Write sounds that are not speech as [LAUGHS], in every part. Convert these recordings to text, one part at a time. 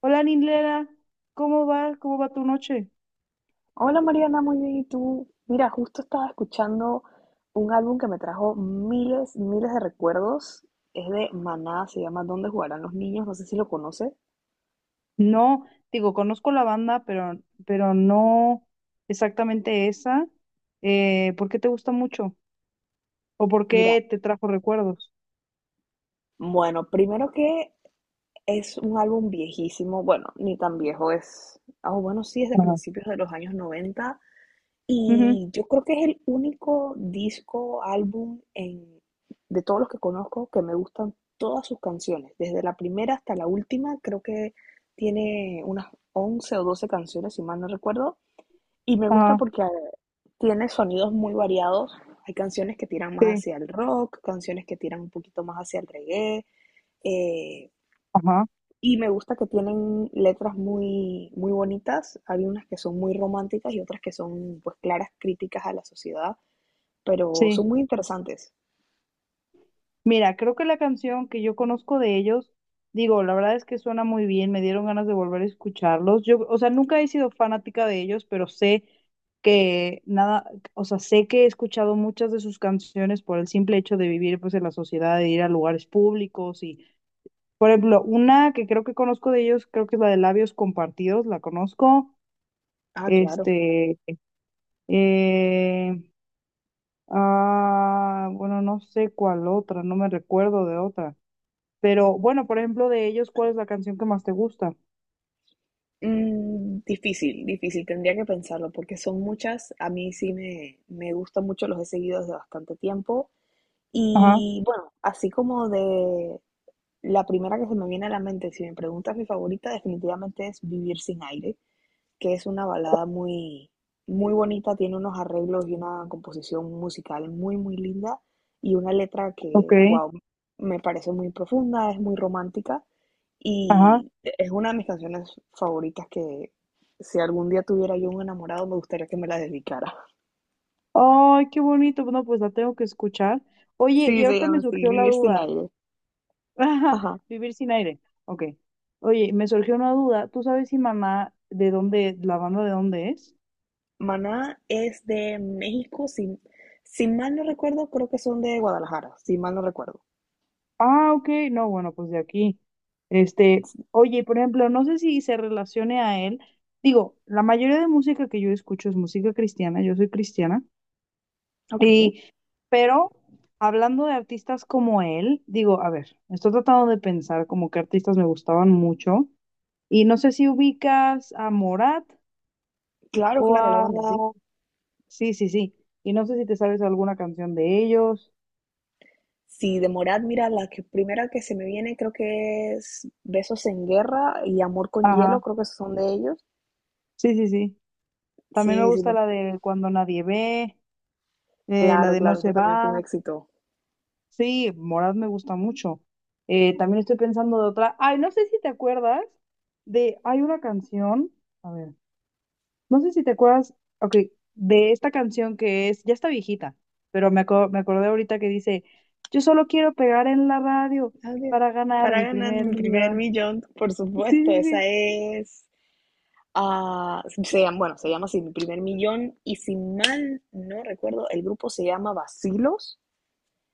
Hola, Nilera, ¿cómo va? ¿Cómo va tu noche? Hola Mariana, muy bien. ¿Y tú? Mira, justo estaba escuchando un álbum que me trajo miles, miles de recuerdos. Es de Maná, se llama ¿Dónde jugarán los niños? No sé si lo conoces. No, digo, conozco la banda, pero no exactamente esa. ¿Por qué te gusta mucho? ¿O por Mira, qué te trajo recuerdos? bueno, primero que es un álbum viejísimo, bueno, ni tan viejo es, ah, bueno, sí, es de Ajá. principios de los años 90. Ujú, Y yo creo que es el único disco, álbum en, de todos los que conozco que me gustan todas sus canciones, desde la primera hasta la última, creo que tiene unas 11 o 12 canciones, si mal no recuerdo, y me gusta ajá, porque tiene sonidos muy variados, hay canciones que tiran más sí, hacia el rock, canciones que tiran un poquito más hacia el reggae, eh, ajá, y me gusta que tienen letras muy, muy bonitas. Hay unas que son muy románticas y otras que son pues claras críticas a la sociedad, pero sí. son muy interesantes. Mira, creo que la canción que yo conozco de ellos, digo, la verdad es que suena muy bien, me dieron ganas de volver a escucharlos. Yo, o sea, nunca he sido fanática de ellos, pero sé que nada, o sea, sé que he escuchado muchas de sus canciones por el simple hecho de vivir pues en la sociedad, de ir a lugares públicos y, por ejemplo, una que creo que conozco de ellos, creo que es la de Labios Compartidos, la conozco. Ah, claro. Este, eh, bueno, no sé cuál otra, no me recuerdo de otra. Pero bueno, por ejemplo, de ellos, ¿cuál es la canción que más te gusta? Mm, difícil, difícil, tendría que pensarlo porque son muchas. A mí sí me gustan mucho, los he seguido desde bastante tiempo. Ajá, Y bueno, así como de la primera que se me viene a la mente, si me preguntas mi favorita, definitivamente es Vivir sin aire, que es una balada muy, muy bonita, tiene unos arreglos y una composición musical muy, muy linda y una letra ok, que, wow, me parece muy profunda, es muy romántica ajá. y es una de mis canciones favoritas que si algún día tuviera yo un enamorado me gustaría que me la dedicara. [LAUGHS] Ay, qué bonito. Bueno, pues la tengo que escuchar. Oye, Sí, y se ahorita llama me así, surgió la Vivir sin duda. aire. [LAUGHS] Ajá, Ajá. vivir sin aire. Ok. Oye, me surgió una duda. ¿Tú sabes si mamá de dónde, la banda de dónde es? Maná es de México, si mal no recuerdo, creo que son de Guadalajara, si mal no recuerdo. Ah, ok. No, bueno, pues de aquí. Oye, por ejemplo, no sé si se relacione a él. Digo, la mayoría de música que yo escucho es música cristiana. Yo soy cristiana. Ok. Pero hablando de artistas como él, digo, a ver, estoy tratando de pensar como que artistas me gustaban mucho. Y no sé si ubicas a Morat Claro, o claro, la a... banda, sí. Sí, sí, sí. Y no sé si te sabes alguna canción de ellos. si de Morat, mira, primera que se me viene creo que es Besos en Guerra y Amor con Hielo, Ajá. creo que esos son de ellos. Sí, sí, sí. También me Sí, sí, gusta me- la de Cuando nadie ve, la claro, de No claro, esa se también fue un va. éxito. Sí, Morat me gusta mucho. También estoy pensando de otra. Ay, no sé si te acuerdas de... Hay una canción. A ver. No sé si te acuerdas, ok, de esta canción que es, ya está viejita, pero me acordé ahorita que dice, yo solo quiero pegar en la radio Adiós. para ganar Para mi ganar primer mi primer millón. millón, por Sí, supuesto, sí, esa sí. es... ah, bueno, se llama así, mi primer millón, y si mal no recuerdo, el grupo se llama Vacilos,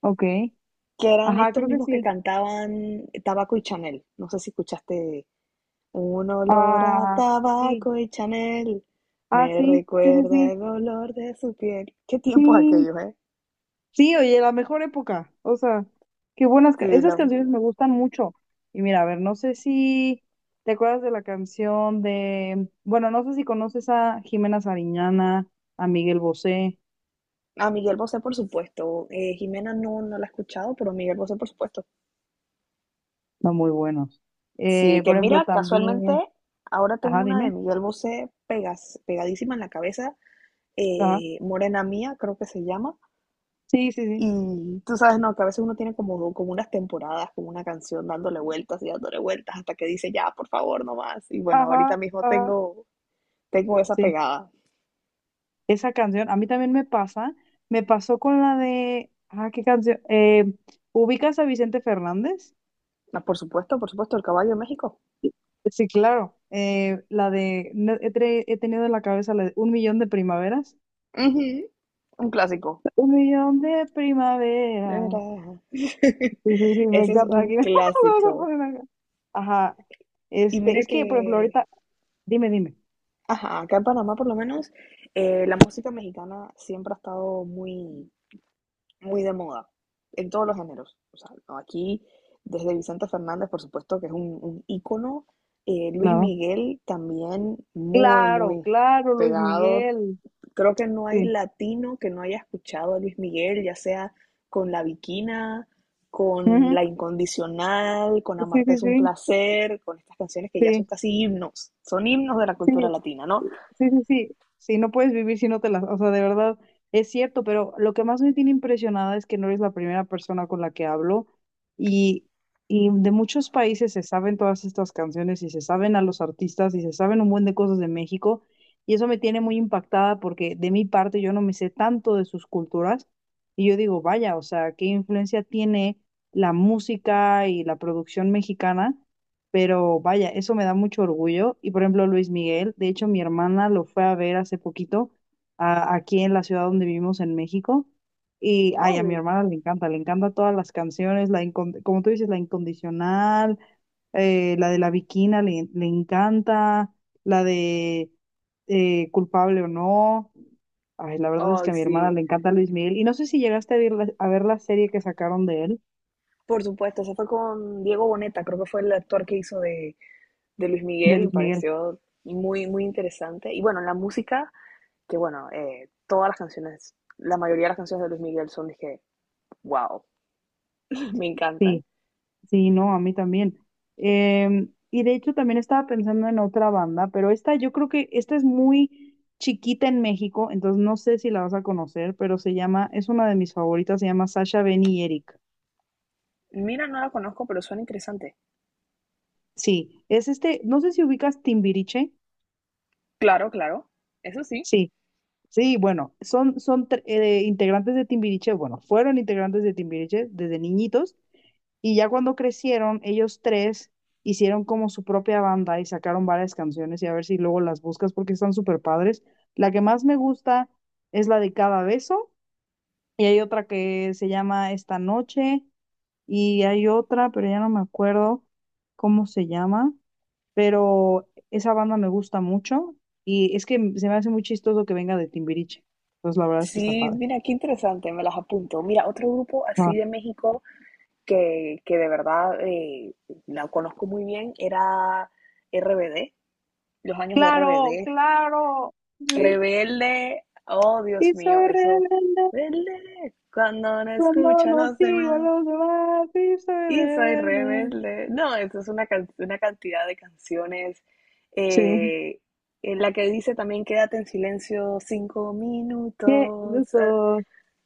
Ok. que eran Ajá, estos creo que mismos que sí. cantaban Tabaco y Chanel. No sé si escuchaste un olor a Ah, sí. tabaco y Chanel Ah, me sí, sí, sí, recuerda sí. el olor de su piel. Qué tiempos Sí, aquellos, ¿eh? sí, oye, la mejor época. O sea, qué buenas. Sí, Esas la- canciones me gustan mucho. Y mira, a ver, no sé si te acuerdas de la canción de. Bueno, no sé si conoces a Jimena Sariñana, a Miguel Bosé. a Miguel Bosé, por supuesto. Jimena no, no la he escuchado, pero Miguel Bosé, por supuesto. Son muy buenos. Sí, que Por ejemplo, mira, casualmente también. ahora tengo Ajá, una de dime. Miguel Bosé pegadísima en la cabeza. Ajá. Morena Mía, creo que se llama. Sí, sí, sí. Y tú sabes, no, que a veces uno tiene como unas temporadas, como una canción dándole vueltas y dándole vueltas hasta que dice, ya, por favor, no más. Y bueno, Ajá, ajá. Tengo esa Sí. pegada. Esa canción, a mí también me pasa. Me pasó con la de. Ajá, ¿qué canción? ¿Ubicas a Vicente Fernández? Ah, por supuesto, el caballo de México. Sí, claro. La de, no- he, tre- he tenido en la cabeza la de un millón de primaveras. Ujú, un clásico. Un millón de primaveras. [LAUGHS] Era- [LAUGHS] Sí, sí, sí, me Ese es encanta. un Aquí [LAUGHS] vamos a clásico. poner acá. Ajá. Y mira Es que, por ejemplo, que, ahorita, dime, dime. ajá, acá en Panamá por lo menos, la música mexicana siempre ha estado muy, muy de moda, en todos los géneros. O sea, no, aquí, desde Vicente Fernández, por supuesto, que es un ícono. Luis Claro. Miguel también muy, Claro, muy claro, Luis pegado. Miguel. Creo que no hay Sí. latino que no haya escuchado a Luis Miguel, ya sea con La Viquina, con Ujú. La Incondicional, con Sí, Amarte sí, es un sí, placer, con estas canciones que ya son sí. casi himnos, son himnos de la cultura Sí, latina, ¿no? sí, sí, sí, sí, no puedes vivir si no te las, o sea, de verdad es cierto, pero lo que más me tiene impresionada es que no eres la primera persona con la que hablo y, y de muchos países se saben todas estas canciones y se saben a los artistas y se saben un buen de cosas de México y eso me tiene muy impactada porque de mi parte yo no me sé tanto de sus culturas y yo digo, vaya, o sea, ¿qué influencia tiene la música y la producción mexicana? Pero vaya, eso me da mucho orgullo. Y por ejemplo, Luis Miguel, de hecho, mi hermana lo fue a ver hace poquito aquí en la ciudad donde vivimos en México. Y ay, a mi Wow, hermana le encanta todas las canciones, como tú dices, la incondicional, la de la Bikina le, le encanta, la de culpable o no. Ay, la verdad es que ay, a mi hermana sí. le encanta Luis Miguel. Y no sé si llegaste a ver la serie que sacaron de él, Por supuesto, eso fue con Diego Boneta, creo que fue el actor que hizo de Luis de Miguel, me Luis Miguel. pareció muy, muy interesante. Y bueno, la música, que bueno, todas las canciones, la mayoría de las canciones de Luis Miguel son, dije, wow, [LAUGHS] me encantan. Sí. Sí, no, a mí también. Y de hecho también estaba pensando en otra banda, pero esta yo creo que esta es muy chiquita en México, entonces no sé si la vas a conocer, pero se llama, es una de mis favoritas, se llama Sasha, Benny y Eric. Mira, no la conozco, pero suena interesante. Sí, es este, no sé si ubicas Timbiriche. Claro, claro, eso sí. Sí, sí, bueno, son, integrantes de Timbiriche, bueno, fueron integrantes de Timbiriche desde niñitos. Y ya cuando crecieron, ellos tres hicieron como su propia banda y sacaron varias canciones y a ver si luego las buscas porque están súper padres. La que más me gusta es la de Cada Beso y hay otra que se llama Esta Noche y hay otra, pero ya no me acuerdo cómo se llama, pero esa banda me gusta mucho y es que se me hace muy chistoso que venga de Timbiriche. Pues la verdad es que está Sí, padre. mira, qué interesante, me las apunto. Mira, otro grupo así Ah. de México que de verdad la conozco muy bien era RBD. Los años de Claro, RBD, claro. Sí. Rebelde, oh Dios Y mío, soy eso. rebelde. Rebelde, cuando no Cuando escucha a no los sigo a demás. los demás y soy Y soy rebelde. rebelde. No, eso es una cantidad de canciones. Sí. eh, en la que dice también quédate en silencio cinco qué yo minutos. soy-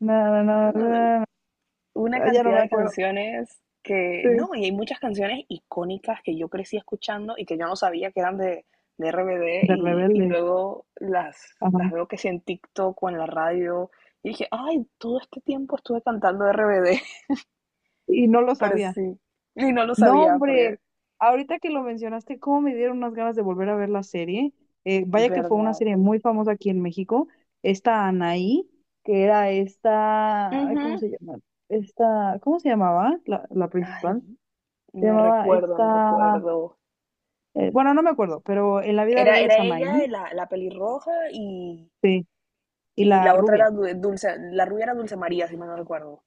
Na, na, na, Ah, na, una na. Ya no cantidad me de acuerdo. canciones que, Sí. no, y hay muchas canciones icónicas que yo crecí escuchando y que yo no sabía que eran de RBD De y rebelde. luego Ajá. las veo que sí en TikTok o en la radio y dije, ay, todo este tiempo estuve cantando RBD, [LAUGHS] Y no lo pero sabía. sí, y no lo No, sabía porque, hombre. Ahorita que lo mencionaste, cómo me dieron unas ganas de volver a ver la serie. Vaya que fue una verdad. serie muy famosa aquí en México. Esta Anaí, que era esta, ay, ¿cómo Ujú. se llama? Esta, ¿cómo se llamaba? La principal. Ay, Se no llamaba recuerdo, no esta. recuerdo. Bueno, no me acuerdo, pero en la vida Era, real era es ella, Amaí, la pelirroja, y, sí, y y la la otra rubia. era Dulce, la rubia era Dulce María, si mal no recuerdo.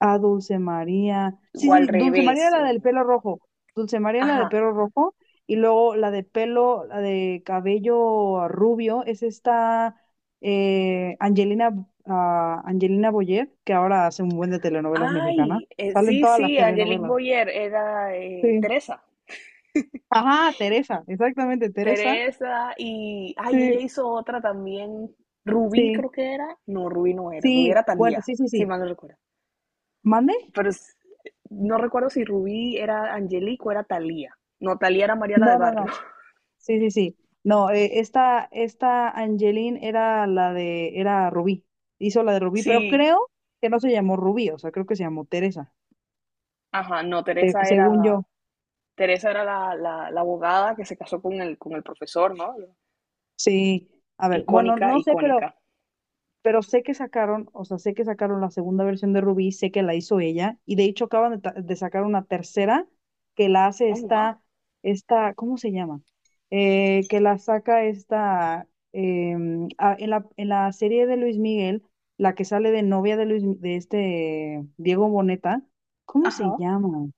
Ah, Dulce María. Sí, O al sí, Dulce María revés. era la del O- pelo rojo. Dulce María era la de Ajá. pelo rojo. Y luego la de pelo, la de cabello rubio, es esta Angelina Boyer, que ahora hace un buen de telenovelas mexicanas. Ay, Salen sí, todas las sí, Angelique telenovelas. Boyer era Sí. Teresa. Ajá, Teresa, exactamente, Teresa. Teresa y, ay, ella Sí, hizo otra también. Rubí sí, creo que era. No, Rubí no era. Rubí sí. era Bueno, Talía, sí, sí, si sí. mal no recuerdo. ¿Mande? Pero es- no recuerdo si Rubí era Angelique o era Talía. No, Talía era Mariana del No, no, Barrio. no. [LAUGHS] Sí, sí, sí. No, esta Angeline era la de, era Rubí. Hizo la de Rubí, pero Sí, creo que no se llamó Rubí, o sea, creo que se llamó Teresa, ajá, no, según yo. Teresa era la abogada que se casó con el profesor, ¿no? Sí. A ver, bueno, Icónica, no sé, icónica. pero sé que sacaron, o sea, sé que sacaron la segunda versión de Ruby, sé que la hizo ella, y de hecho acaban de, de sacar una tercera que la hace Oh, wow. esta, esta, ¿cómo se llama? Que la saca esta, en la serie de Luis Miguel, la que sale de novia de Luis, de este Diego Boneta, ¿cómo se Ajá. llama?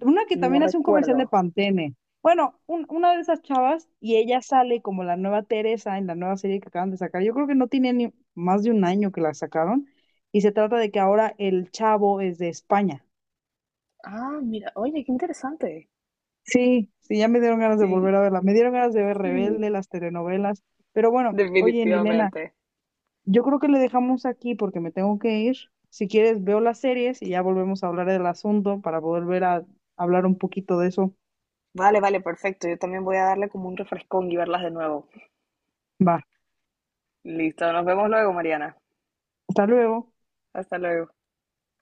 Una que No también hace un comercial de recuerdo. Pantene. Bueno, una de esas chavas y ella sale como la nueva Teresa en la nueva serie que acaban de sacar. Yo creo que no tiene ni más de un año que la sacaron y se trata de que ahora el chavo es de España. Ah, mira, oye, qué interesante. Sí, sí, ya me dieron ganas de Sí, volver a verla. Me dieron ganas de ver Rebelde, sí, las telenovelas. Pero bueno, oye, Nilena, definitivamente. yo creo que le dejamos aquí porque me tengo que ir. Si quieres, veo las series y ya volvemos a hablar del asunto para volver a hablar un poquito de eso. Vale, vale, perfecto. Yo también voy a darle como un refrescón y verlas de nuevo. Va, Listo, nos vemos luego, Mariana. hasta luego. Hasta luego.